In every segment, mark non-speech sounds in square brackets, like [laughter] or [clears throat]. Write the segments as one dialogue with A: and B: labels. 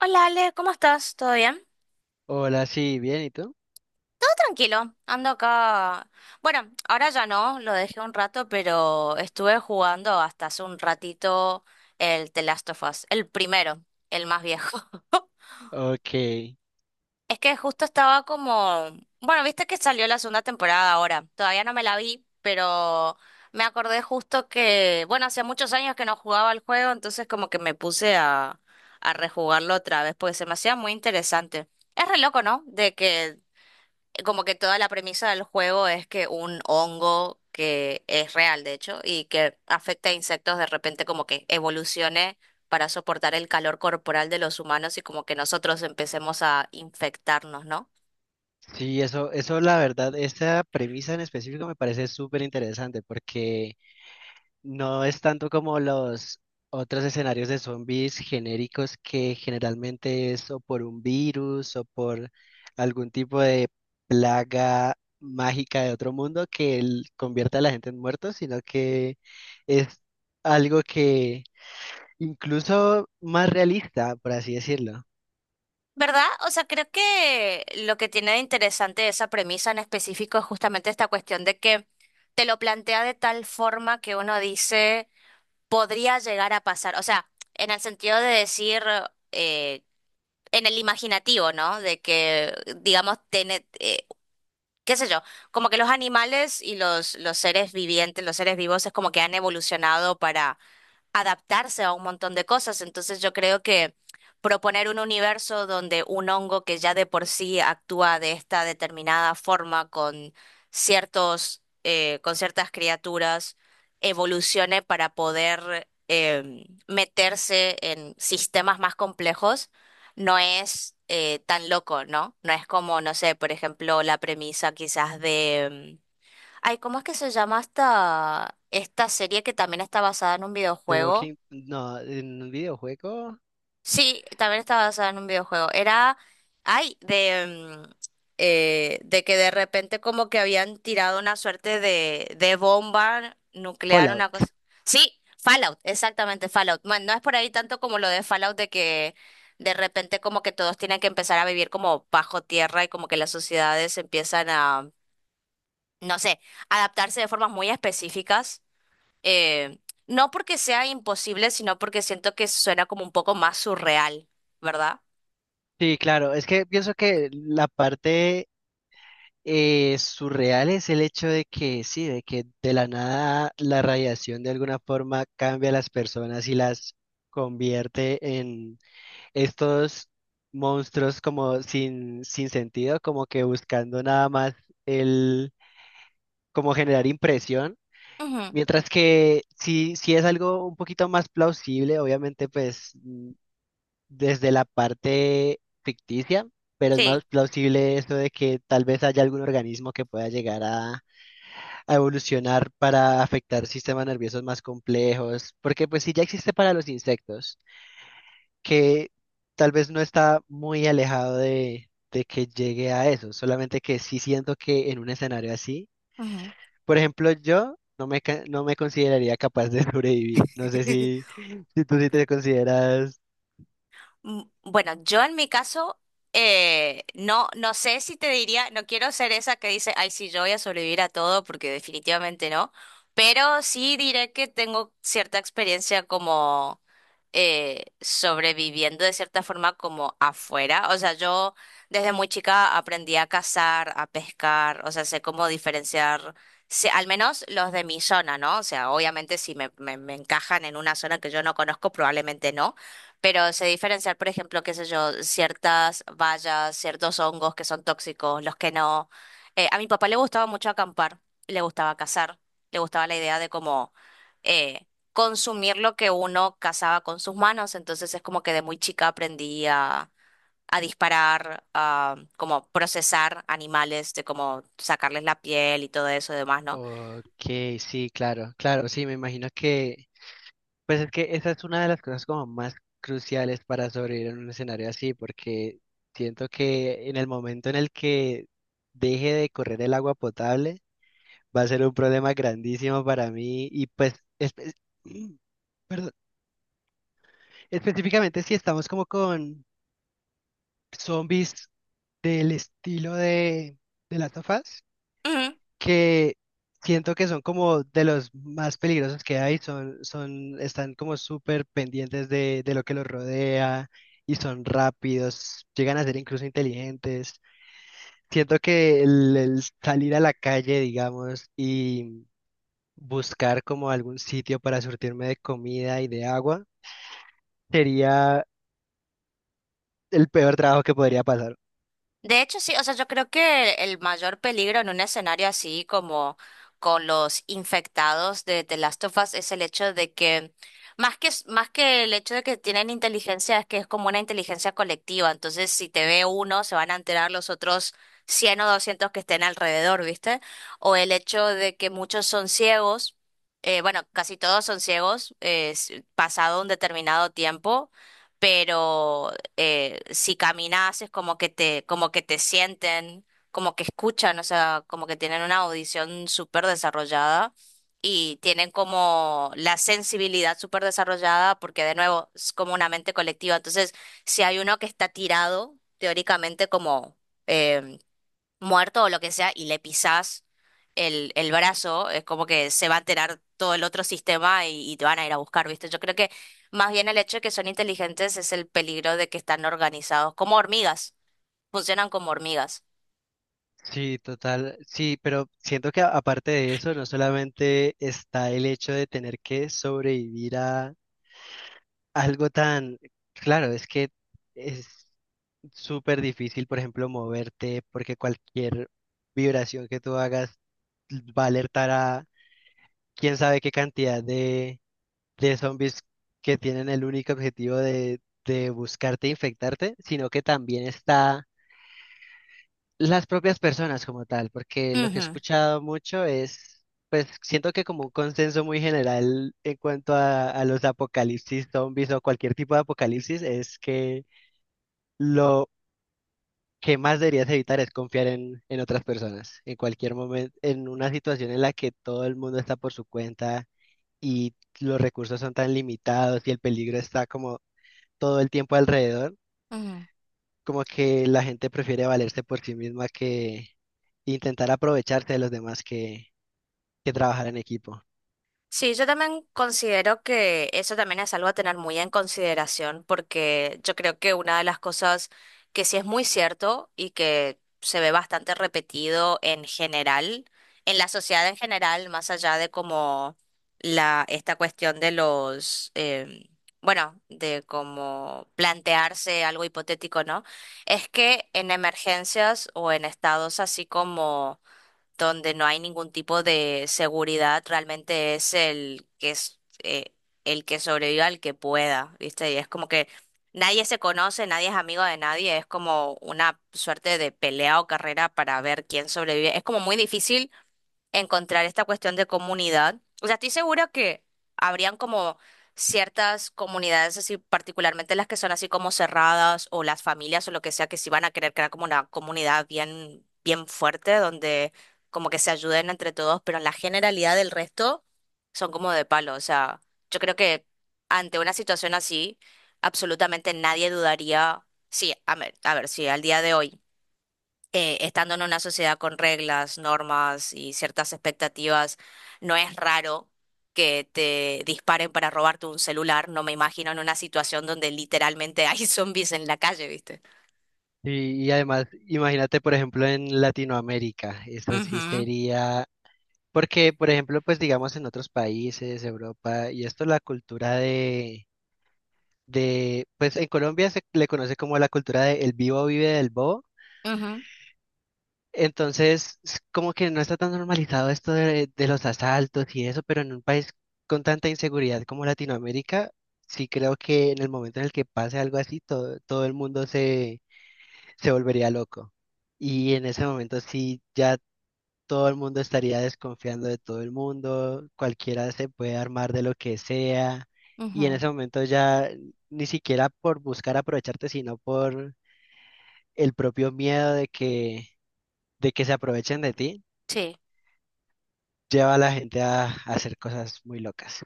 A: Hola Ale, ¿cómo estás? ¿Todo bien?
B: Hola, sí, bien, ¿y tú?
A: Todo tranquilo, ando acá. Bueno, ahora ya no, lo dejé un rato, pero estuve jugando hasta hace un ratito el The Last of Us, el primero, el más viejo. [laughs]
B: Ok,
A: Es que justo estaba como, bueno, viste que salió la segunda temporada ahora, todavía no me la vi, pero me acordé justo que, bueno, hacía muchos años que no jugaba el juego, entonces como que me puse a rejugarlo otra vez, porque se me hacía muy interesante. Es re loco, ¿no? De que como que toda la premisa del juego es que un hongo que es real, de hecho, y que afecta a insectos de repente como que evolucione para soportar el calor corporal de los humanos y como que nosotros empecemos a infectarnos, ¿no?
B: sí, eso la verdad, esta premisa en específico me parece súper interesante porque no es tanto como los otros escenarios de zombies genéricos que generalmente es o por un virus o por algún tipo de plaga mágica de otro mundo que convierte a la gente en muertos, sino que es algo que incluso más realista, por así decirlo.
A: ¿Verdad? O sea, creo que lo que tiene de interesante esa premisa en específico es justamente esta cuestión de que te lo plantea de tal forma que uno dice, podría llegar a pasar. O sea, en el sentido de decir, eh, en el imaginativo, ¿no? De que, digamos, tiene, qué sé yo, como que los animales y los seres vivientes, los seres vivos es como que han evolucionado para adaptarse a un montón de cosas. Entonces yo creo que proponer un universo donde un hongo que ya de por sí actúa de esta determinada forma con ciertos, con ciertas criaturas, evolucione para poder meterse en sistemas más complejos, no es tan loco, ¿no? No es como, no sé, por ejemplo, la premisa quizás de... ay, ¿cómo es que se llama esta, esta serie que también está basada en un
B: The
A: videojuego?
B: Walking, no, en un videojuego,
A: Sí, también estaba basada en un videojuego. Era, ay, de, mm, de que de repente como que habían tirado una suerte de bomba nuclear, una
B: Fallout.
A: cosa. Sí, Fallout, exactamente, Fallout. Bueno, no es por ahí tanto como lo de Fallout de que de repente como que todos tienen que empezar a vivir como bajo tierra y como que las sociedades empiezan a, no sé, adaptarse de formas muy específicas eh, no porque sea imposible, sino porque siento que suena como un poco más surreal, ¿verdad?
B: Sí, claro, es que pienso que la parte surreal es el hecho de que sí, de que de la nada la radiación de alguna forma cambia a las personas y las convierte en estos monstruos como sin sentido, como que buscando nada más el, como generar impresión.
A: Ujú.
B: Mientras que si es algo un poquito más plausible, obviamente pues desde la parte ficticia, pero es
A: Sí.
B: más plausible eso de que tal vez haya algún organismo que pueda llegar a evolucionar para afectar sistemas nerviosos más complejos, porque pues si ya existe para los insectos, que tal vez no está muy alejado de que llegue a eso, solamente que sí siento que en un escenario así,
A: Ujú.
B: por ejemplo, yo... No me, no me consideraría capaz de [laughs] sobrevivir. No sé
A: [laughs]
B: si, si tú sí te consideras.
A: Mm. Bueno, yo en mi caso, no, no sé si te diría, no quiero ser esa que dice, ay, sí, yo voy a sobrevivir a todo, porque definitivamente no, pero sí diré que tengo cierta experiencia como sobreviviendo de cierta forma como afuera. O sea, yo desde muy chica aprendí a cazar, a pescar, o sea, sé cómo diferenciar, sé- al menos los de mi zona, ¿no? O sea, obviamente si me, me encajan en una zona que yo no conozco, probablemente no, pero se diferenciar, por ejemplo, qué sé yo, ciertas bayas, ciertos hongos que son tóxicos, los que no. A mi papá le gustaba mucho acampar, le gustaba cazar, le gustaba la idea de como eh, consumir lo que uno cazaba con sus manos. Entonces es como que de muy chica aprendí a disparar, a como procesar animales, de cómo sacarles la piel y todo eso y demás, ¿no?
B: Ok, sí, claro, claro, sí, me imagino que, pues es que esa es una de las cosas como más cruciales para sobrevivir en un escenario así, porque siento que en el momento en el que deje de correr el agua potable, va a ser un problema grandísimo para mí y pues, [clears throat] perdón, específicamente si estamos como con zombies del estilo de las Us,
A: Ujú.
B: que siento que son como de los más peligrosos que hay, están como súper pendientes de lo que los rodea y son rápidos, llegan a ser incluso inteligentes. Siento que el salir a la calle, digamos, y buscar como algún sitio para surtirme de comida y de agua sería el peor trabajo que podría pasar.
A: De hecho, sí, o sea, yo creo que el mayor peligro en un escenario así como con los infectados de The Last of Us es el hecho de que, más que el hecho de que tienen inteligencia, es que es como una inteligencia colectiva. Entonces, si te ve uno, se van a enterar los otros 100 o 200 que estén alrededor, ¿viste? O el hecho de que muchos son ciegos, bueno, casi todos son ciegos, s- pasado un determinado tiempo, pero si caminas es como que te sienten, como que escuchan, o sea, como que tienen una audición súper desarrollada y tienen como la sensibilidad súper desarrollada porque de nuevo es como una mente colectiva. Entonces, si hay uno que está tirado, teóricamente como... eh, muerto o lo que sea y le pisás el brazo, es como que se va a enterar todo el otro sistema y te van a ir a buscar, ¿viste? Yo creo que más bien el hecho de que son inteligentes es el peligro de que están organizados como hormigas, funcionan como hormigas.
B: Sí, total, sí, pero siento que aparte de eso, no solamente está el hecho de tener que sobrevivir algo tan claro, es que es súper difícil, por ejemplo, moverte porque cualquier vibración que tú hagas va a alertar a quién sabe qué cantidad de zombies que tienen el único objetivo de buscarte e infectarte, sino que también está las propias personas como tal, porque lo que he
A: Ujú,
B: escuchado mucho es, pues siento que como un consenso muy general en cuanto a los apocalipsis zombies o cualquier tipo de apocalipsis es que lo que más deberías evitar es confiar en otras personas. En cualquier momento, en una situación en la que todo el mundo está por su cuenta y los recursos son tan limitados y el peligro está como todo el tiempo alrededor,
A: ujú.
B: como que la gente prefiere valerse por sí misma que intentar aprovecharse de los demás que trabajar en equipo.
A: Sí, yo también considero que eso también es algo a tener muy en consideración, porque yo creo que una de las cosas que sí es muy cierto y que se ve bastante repetido en general, en la sociedad en general, más allá de como la, esta cuestión de los, bueno, de como plantearse algo hipotético, ¿no? Es que en emergencias o en estados así como donde no hay ningún tipo de seguridad, realmente es el que sobreviva el que pueda, ¿viste? Y es como que nadie se conoce, nadie es amigo de nadie, es como una suerte de pelea o carrera para ver quién sobrevive. Es como muy difícil encontrar esta cuestión de comunidad. O sea, estoy segura que habrían como ciertas comunidades así, particularmente las que son así como cerradas o las familias o lo que sea, que sí van a querer crear como una comunidad bien, bien fuerte donde como que se ayuden entre todos, pero en la generalidad del resto son como de palo. O sea, yo creo que ante una situación así, absolutamente nadie dudaría. Sí, a ver, sí, al día de hoy estando en una sociedad con reglas, normas y ciertas expectativas, no es raro que te disparen para robarte un celular. No me imagino en una situación donde literalmente hay [laughs] zombies en la calle, ¿viste?
B: Y además, imagínate, por ejemplo, en Latinoamérica, eso sí
A: Ujú,
B: sería, porque, por ejemplo, pues digamos en otros países, Europa, y esto la cultura de pues en Colombia se le conoce como la cultura de el vivo vive del bobo.
A: ujú,
B: Entonces, como que no está tan normalizado esto de los asaltos y eso, pero en un país con tanta inseguridad como Latinoamérica, sí creo que en el momento en el que pase algo así, todo, todo el mundo se, se volvería loco. Y en ese momento sí ya todo el mundo estaría desconfiando de todo el mundo, cualquiera se puede armar de lo que sea, y en
A: ujú.
B: ese momento ya ni siquiera por buscar aprovecharte, sino por el propio miedo de que se aprovechen de ti,
A: Sí.
B: lleva a la gente a hacer cosas muy locas.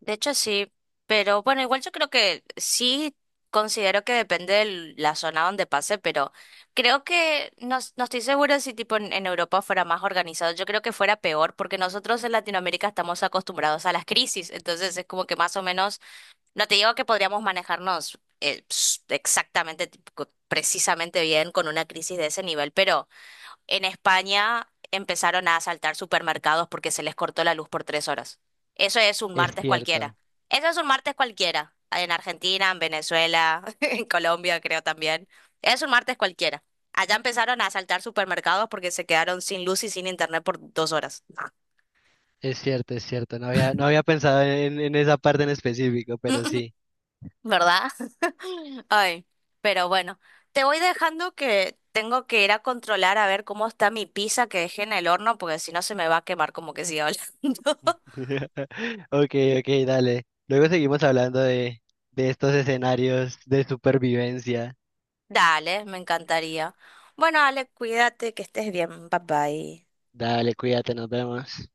A: De hecho, sí, pero bueno, igual yo creo que sí considero que depende de la zona donde pase, pero creo que no, no estoy segura si tipo en Europa fuera más organizado, yo creo que fuera peor, porque nosotros en Latinoamérica estamos acostumbrados a las crisis, entonces es como que más o menos, no te digo que podríamos manejarnos ps- exactamente, tipo, co- precisamente bien con una crisis de ese nivel, pero... En España empezaron a asaltar supermercados porque se les cortó la luz por 3 horas. Eso es un
B: Es
A: martes cualquiera.
B: cierto,
A: Eso es un martes cualquiera. En Argentina, en Venezuela, [laughs] en Colombia creo también. Es un martes cualquiera. Allá empezaron a asaltar supermercados porque se quedaron sin luz y sin internet por 2 horas.
B: es cierto. No había pensado en esa parte en específico, pero
A: [laughs]
B: sí.
A: ¿Verdad? [laughs] Ay, pero bueno, te voy dejando que tengo que ir a controlar a ver cómo está mi pizza que dejé en el horno porque si no se me va a quemar como que siga hablando. [laughs]
B: [laughs] Ok, ok, dale. Luego seguimos hablando de estos escenarios de supervivencia.
A: Dale, me encantaría. Bueno, Ale, cuídate, que estés bien. Bye bye.
B: Dale, cuídate, nos vemos.